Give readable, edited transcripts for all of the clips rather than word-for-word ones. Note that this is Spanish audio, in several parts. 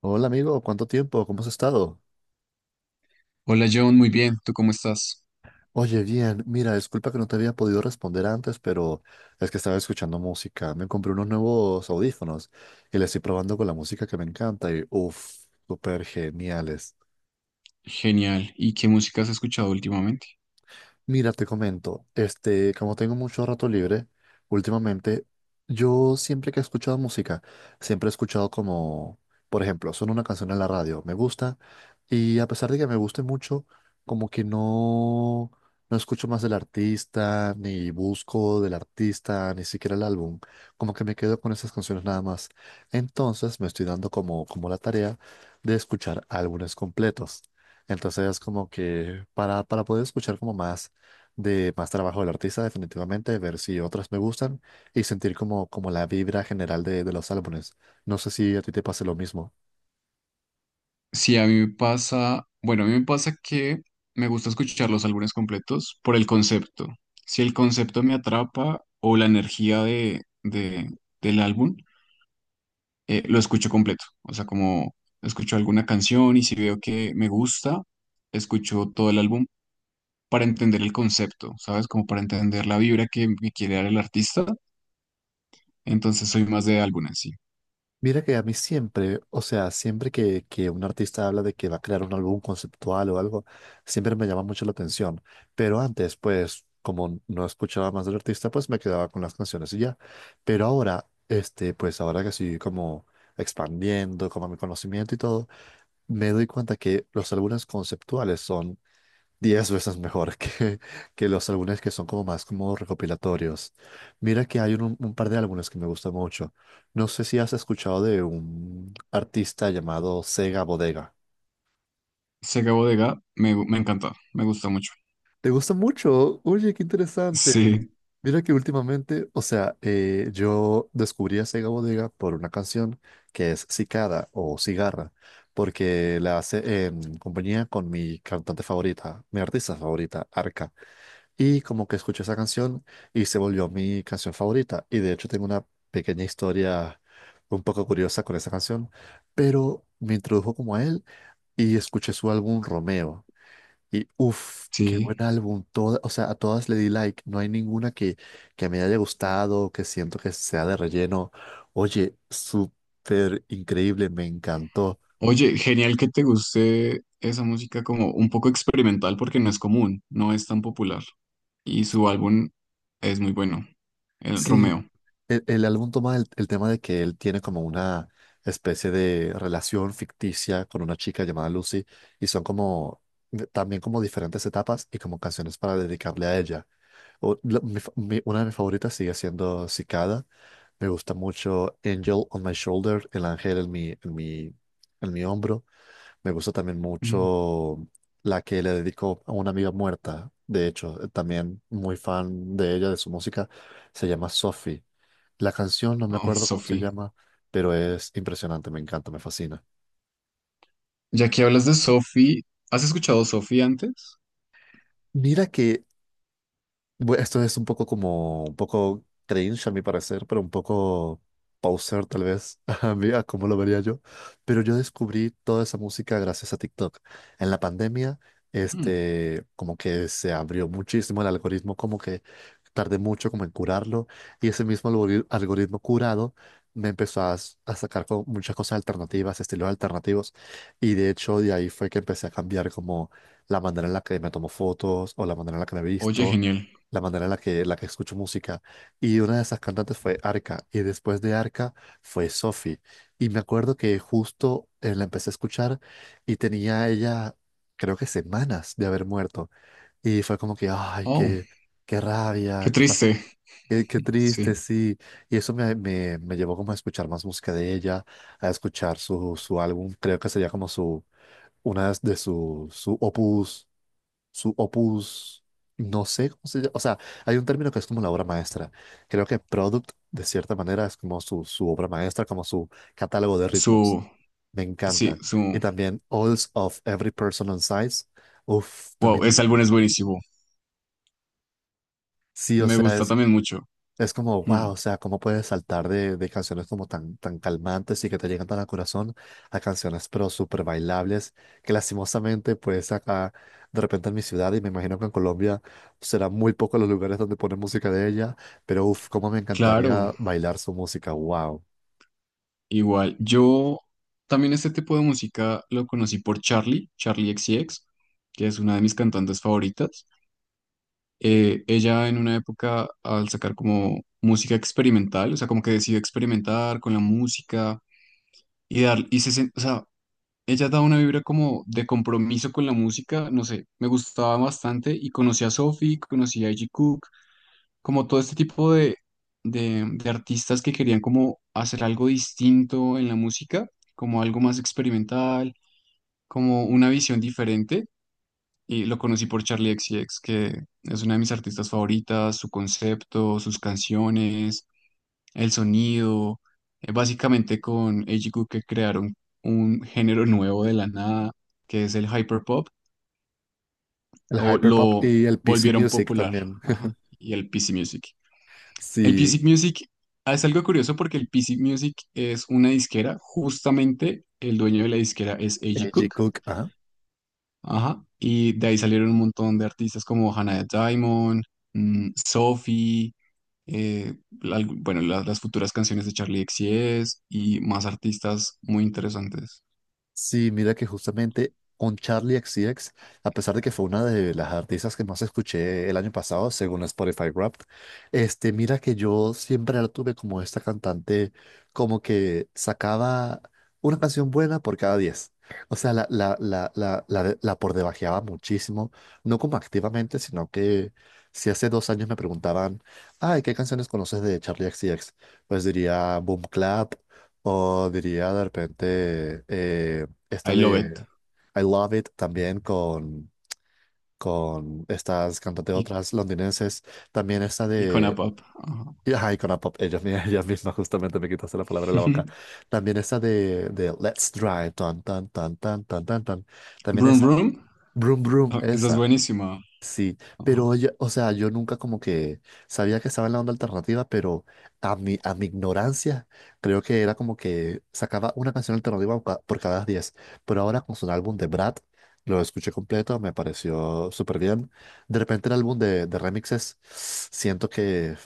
Hola amigo, ¿cuánto tiempo? ¿Cómo has estado? Hola John, muy bien, ¿tú cómo estás? Oye, bien, mira, disculpa que no te había podido responder antes, pero es que estaba escuchando música. Me compré unos nuevos audífonos y les estoy probando con la música que me encanta y uff, súper geniales. Genial. ¿Y qué música has escuchado últimamente? Mira, te comento, como tengo mucho rato libre últimamente, yo siempre que he escuchado música, siempre he escuchado como, por ejemplo, suena una canción en la radio, me gusta, y a pesar de que me guste mucho, como que no, no escucho más del artista, ni busco del artista, ni siquiera el álbum, como que me quedo con esas canciones nada más. Entonces me estoy dando como la tarea de escuchar álbumes completos. Entonces, como que para poder escuchar como más de más trabajo del artista, definitivamente, ver si otras me gustan y sentir como la vibra general de los álbumes. No sé si a ti te pase lo mismo. Sí, a mí me pasa, bueno, a mí me pasa que me gusta escuchar los álbumes completos por el concepto. Si el concepto me atrapa o la energía del álbum, lo escucho completo. O sea, como escucho alguna canción y si veo que me gusta, escucho todo el álbum para entender el concepto, ¿sabes? Como para entender la vibra que me quiere dar el artista. Entonces soy más de álbumes, sí. Mira que a mí siempre, o sea, siempre que un artista habla de que va a crear un álbum conceptual o algo, siempre me llama mucho la atención. Pero antes, pues, como no escuchaba más del artista, pues me quedaba con las canciones y ya. Pero ahora, pues ahora que estoy como expandiendo como mi conocimiento y todo, me doy cuenta que los álbumes conceptuales son 10 veces mejor que los álbumes que son como más como recopilatorios. Mira que hay un par de álbumes que me gustan mucho. No sé si has escuchado de un artista llamado Sega Bodega. Se acabó de Ga, me, gu- Me encanta, me gusta mucho. ¿Te gusta mucho? Oye, qué interesante. Sí, Mira que últimamente, o sea, yo descubrí a Sega Bodega por una canción que es Cicada o Cigarra, porque la hace en compañía con mi cantante favorita, mi artista favorita, Arca. Y como que escuché esa canción y se volvió mi canción favorita. Y de hecho tengo una pequeña historia un poco curiosa con esa canción, pero me introdujo como a él y escuché su álbum Romeo. Y uff, qué sí. buen álbum. Toda, o sea, a todas le di like. No hay ninguna que me haya gustado, que siento que sea de relleno. Oye, súper increíble, me encantó. Oye, genial que te guste esa música como un poco experimental porque no es común, no es tan popular. Y su álbum es muy bueno, el Sí, Romeo. el álbum toma el tema de que él tiene como una especie de relación ficticia con una chica llamada Lucy y son como también como diferentes etapas y como canciones para dedicarle a ella. Una de mis favoritas sigue siendo Cicada. Me gusta mucho Angel on My Shoulder, el ángel en mi hombro. Me gusta también Mm. mucho la que le dedico a una amiga muerta. De hecho, también muy fan de ella, de su música. Se llama Sophie. La canción no me Oh, acuerdo cómo se Sophie. llama, pero es impresionante, me encanta, me fascina. Ya que hablas de Sophie, ¿has escuchado Sophie antes? Mira que esto es un poco como, un poco cringe a mi parecer, pero un poco poser tal vez, a mí, a cómo lo vería yo. Pero yo descubrí toda esa música gracias a TikTok. En la pandemia, Mm. Como que se abrió muchísimo el algoritmo, como que tardé mucho como en curarlo, y ese mismo algoritmo curado me empezó a sacar como muchas cosas alternativas, estilos alternativos, y de hecho de ahí fue que empecé a cambiar como la manera en la que me tomo fotos o la manera en la que me Oye, visto, genial. la manera en la que, escucho música. Y una de esas cantantes fue Arca, y después de Arca fue Sophie. Y me acuerdo que justo la empecé a escuchar y tenía ella, creo que semanas de haber muerto. Y fue como que, ay, Oh, qué, qué rabia, qué, fas- triste. qué, qué triste, Sí, sí. Y eso me llevó como a escuchar más música de ella, a escuchar su álbum, creo que sería como su, una de sus, su opus, no sé cómo se llama, o sea, hay un término que es como la obra maestra. Creo que Product, de cierta manera, es como su obra maestra, como su catálogo de ritmos. su, Me sí, encanta. Y su, también Alls of Every Person on Size. Uf, wow, también. ese álbum es buenísimo. Sí, o Me sea, gusta es también mucho. Es como, Mm. wow, o sea, cómo puedes saltar de canciones como tan, tan calmantes y que te llegan tan al corazón a canciones pero súper bailables, que lastimosamente pues acá de repente en mi ciudad y me imagino que en Colombia será muy poco los lugares donde ponen música de ella, pero uff, cómo me encantaría Claro. bailar su música, wow. Igual, yo también este tipo de música lo conocí por Charlie XCX, que es una de mis cantantes favoritas. Ella en una época al sacar como música experimental, o sea, como que decidió experimentar con la música y dar, y se, sen- o sea, ella da una vibra como de compromiso con la música, no sé, me gustaba bastante y conocí a Sophie, conocí a Iggy como todo este tipo de artistas que querían como hacer algo distinto en la música, como algo más experimental, como una visión diferente. Y lo conocí por Charlie XCX, que es una de mis artistas favoritas, su concepto, sus canciones, el sonido, básicamente con Ejiku que crearon un género nuevo de la nada, que es el hyperpop, El o hyperpop lo y el PC volvieron Music popular, también. ajá, y el PC Music. El Sí, PC Music es algo curioso porque el PC Music es una disquera, justamente el dueño de la disquera es A.G. AG Cook, Cook, ajá. ajá, y de ahí salieron un montón de artistas como Hannah Diamond, mm, Sophie, eh, bueno, las futuras canciones de Charlie XCX y más artistas muy interesantes. Sí, mira que justamente con Charlie XCX, a pesar de que fue una de las artistas que más escuché el año pasado, según Spotify Wrapped, mira que yo siempre la tuve como esta cantante, como que sacaba una canción buena por cada 10. O sea, la por debajeaba muchísimo, no como activamente, sino que si hace 2 años me preguntaban, ay, ¿qué canciones conoces de Charlie XCX? Pues diría Boom Clap. O diría de repente esta I Love It de I Love It también con estas cantantes y, otras londinenses. También esta y Con A de. Pop, ajá. Y, ajá, y con la pop, ellos, ellos mismos justamente me quitaste la palabra de la boca. También esta de Let's Drive, tan, tan, tan, tan, tan, tan, tan. También Vroom esa, Vroom, Broom Broom, ah, esa es esa. buenísima, Sí, ajá, pero oye, o sea, yo nunca como que sabía que estaba en la onda alternativa, pero a mi ignorancia creo que era como que sacaba una canción alternativa por cada 10. Pero ahora con su álbum de Brad, lo escuché completo, me pareció súper bien. De repente el álbum de remixes, siento que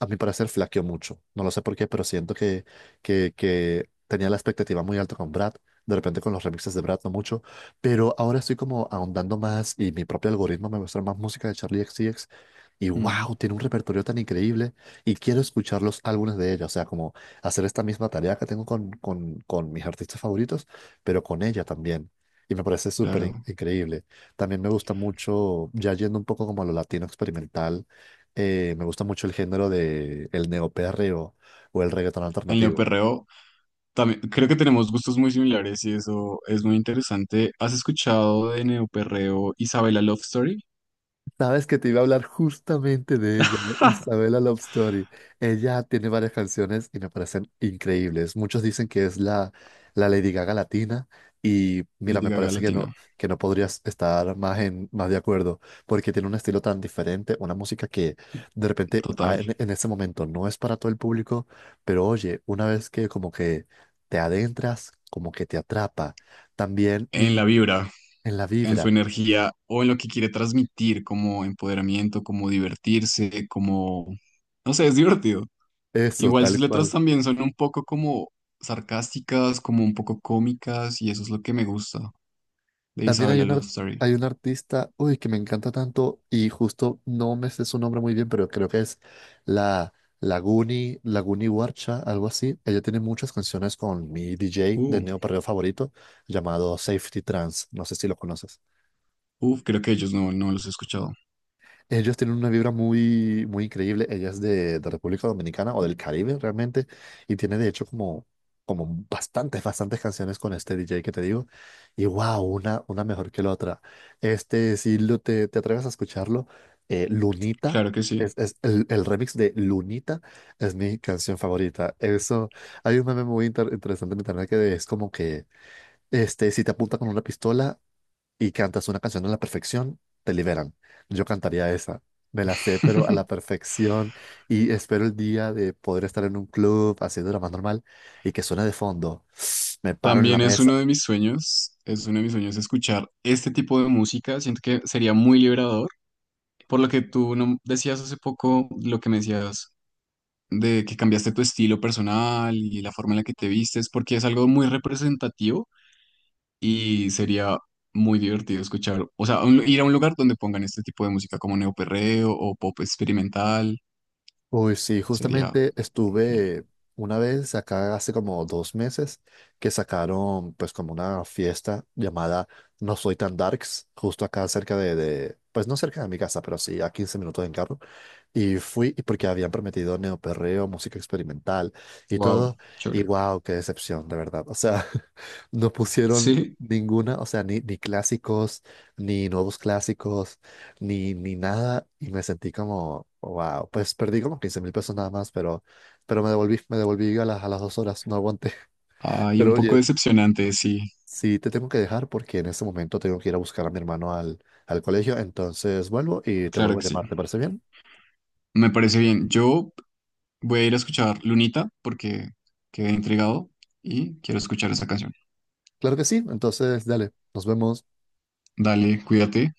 a mi parecer flaqueó mucho. No lo sé por qué, pero siento que tenía la expectativa muy alta con Brad. De repente con los remixes de Brad no mucho. Pero ahora estoy como ahondando más y mi propio algoritmo me muestra más música de Charlie XCX. Y ujú, wow, tiene un repertorio tan increíble y quiero escuchar los álbumes de ella. O sea, como hacer esta misma tarea que tengo con mis artistas favoritos, pero con ella también. Y me parece súper claro. increíble. También me gusta mucho, ya yendo un poco como a lo latino experimental, me gusta mucho el género de el neoperreo o el reggaetón En alternativo. Neo También, creo que tenemos gustos muy similares y eso es muy interesante. ¿Has escuchado de Neoperreo Isabela Love Story? Sabes que te iba a hablar justamente de ella, de Isabella Love Story. Ella tiene varias canciones y me parecen increíbles. Muchos dicen que es la Lady Gaga latina y mira, Lady me Gaga parece Latina, que no podrías estar más de acuerdo porque tiene un estilo tan diferente, una música que de repente a- total. en, en ese momento no es para todo el público, pero oye, una vez que como que te adentras, como que te atrapa. También En la vibra, en la en su vibra, energía o en lo que quiere transmitir como empoderamiento, como divertirse, como... No sé, es divertido. eso, Igual tal sus letras cual. también son un poco como sarcásticas, como un poco cómicas y eso es lo que me gusta de También hay Isabela un, Love ar- Story. hay un artista, uy, que me encanta tanto y justo no me sé su nombre muy bien, pero creo que es la Laguni Warcha, algo así. Ella tiene muchas canciones con mi DJ de Uh, Neo Perreo favorito llamado Safety Trance. No sé si lo conoces. uf, creo que ellos no los he escuchado. Ellos tienen una vibra muy, muy increíble. Ella es de República Dominicana o del Caribe realmente. Y tiene de hecho como bastantes, bastantes canciones con este DJ que te digo. Y wow, una mejor que la otra. Si te atreves a escucharlo, Lunita, Claro que sí. es el remix de Lunita es mi canción favorita. Eso, hay un meme muy interesante en internet que es como que, si te apunta con una pistola, y cantas una canción a la perfección, te liberan. Yo cantaría esa. Me la sé, pero a la perfección. Y espero el día de poder estar en un club haciendo lo más normal y que suene de fondo. Me paro en la También es mesa. uno de mis sueños, es uno de mis sueños escuchar este tipo de música. Siento que sería muy liberador. Por lo que tú no- decías hace poco, lo que me decías de que cambiaste tu estilo personal y la forma en la que te vistes, porque es algo muy representativo y sería muy divertido escuchar. O sea, ir a un lugar donde pongan este tipo de música como neoperreo o pop experimental Uy, sí, sería justamente genial. estuve una vez acá hace como 2 meses que sacaron pues como una fiesta llamada No Soy Tan Darks, justo acá cerca pues no cerca de mi casa, pero sí a 15 minutos en carro. Y fui, y porque habían prometido neoperreo, música experimental y Wow, todo. Y chévere. wow, qué decepción, de verdad. O sea, no pusieron Sí, ninguna, o sea, ni clásicos, ni nuevos clásicos, ni nada. Y me sentí como, wow, pues perdí como 15.000 pesos nada más, pero me devolví a las 2 horas, no aguanté. hay Pero un poco oye, decepcionante, sí, sí te tengo que dejar porque en este momento tengo que ir a buscar a mi hermano al colegio. Entonces vuelvo y te claro vuelvo a que sí. llamar, ¿te parece bien? Me parece bien. Yo. Voy a ir a escuchar Lunita porque quedé intrigado y quiero escuchar esa canción. Claro que sí, entonces dale, nos vemos. Dale, cuídate.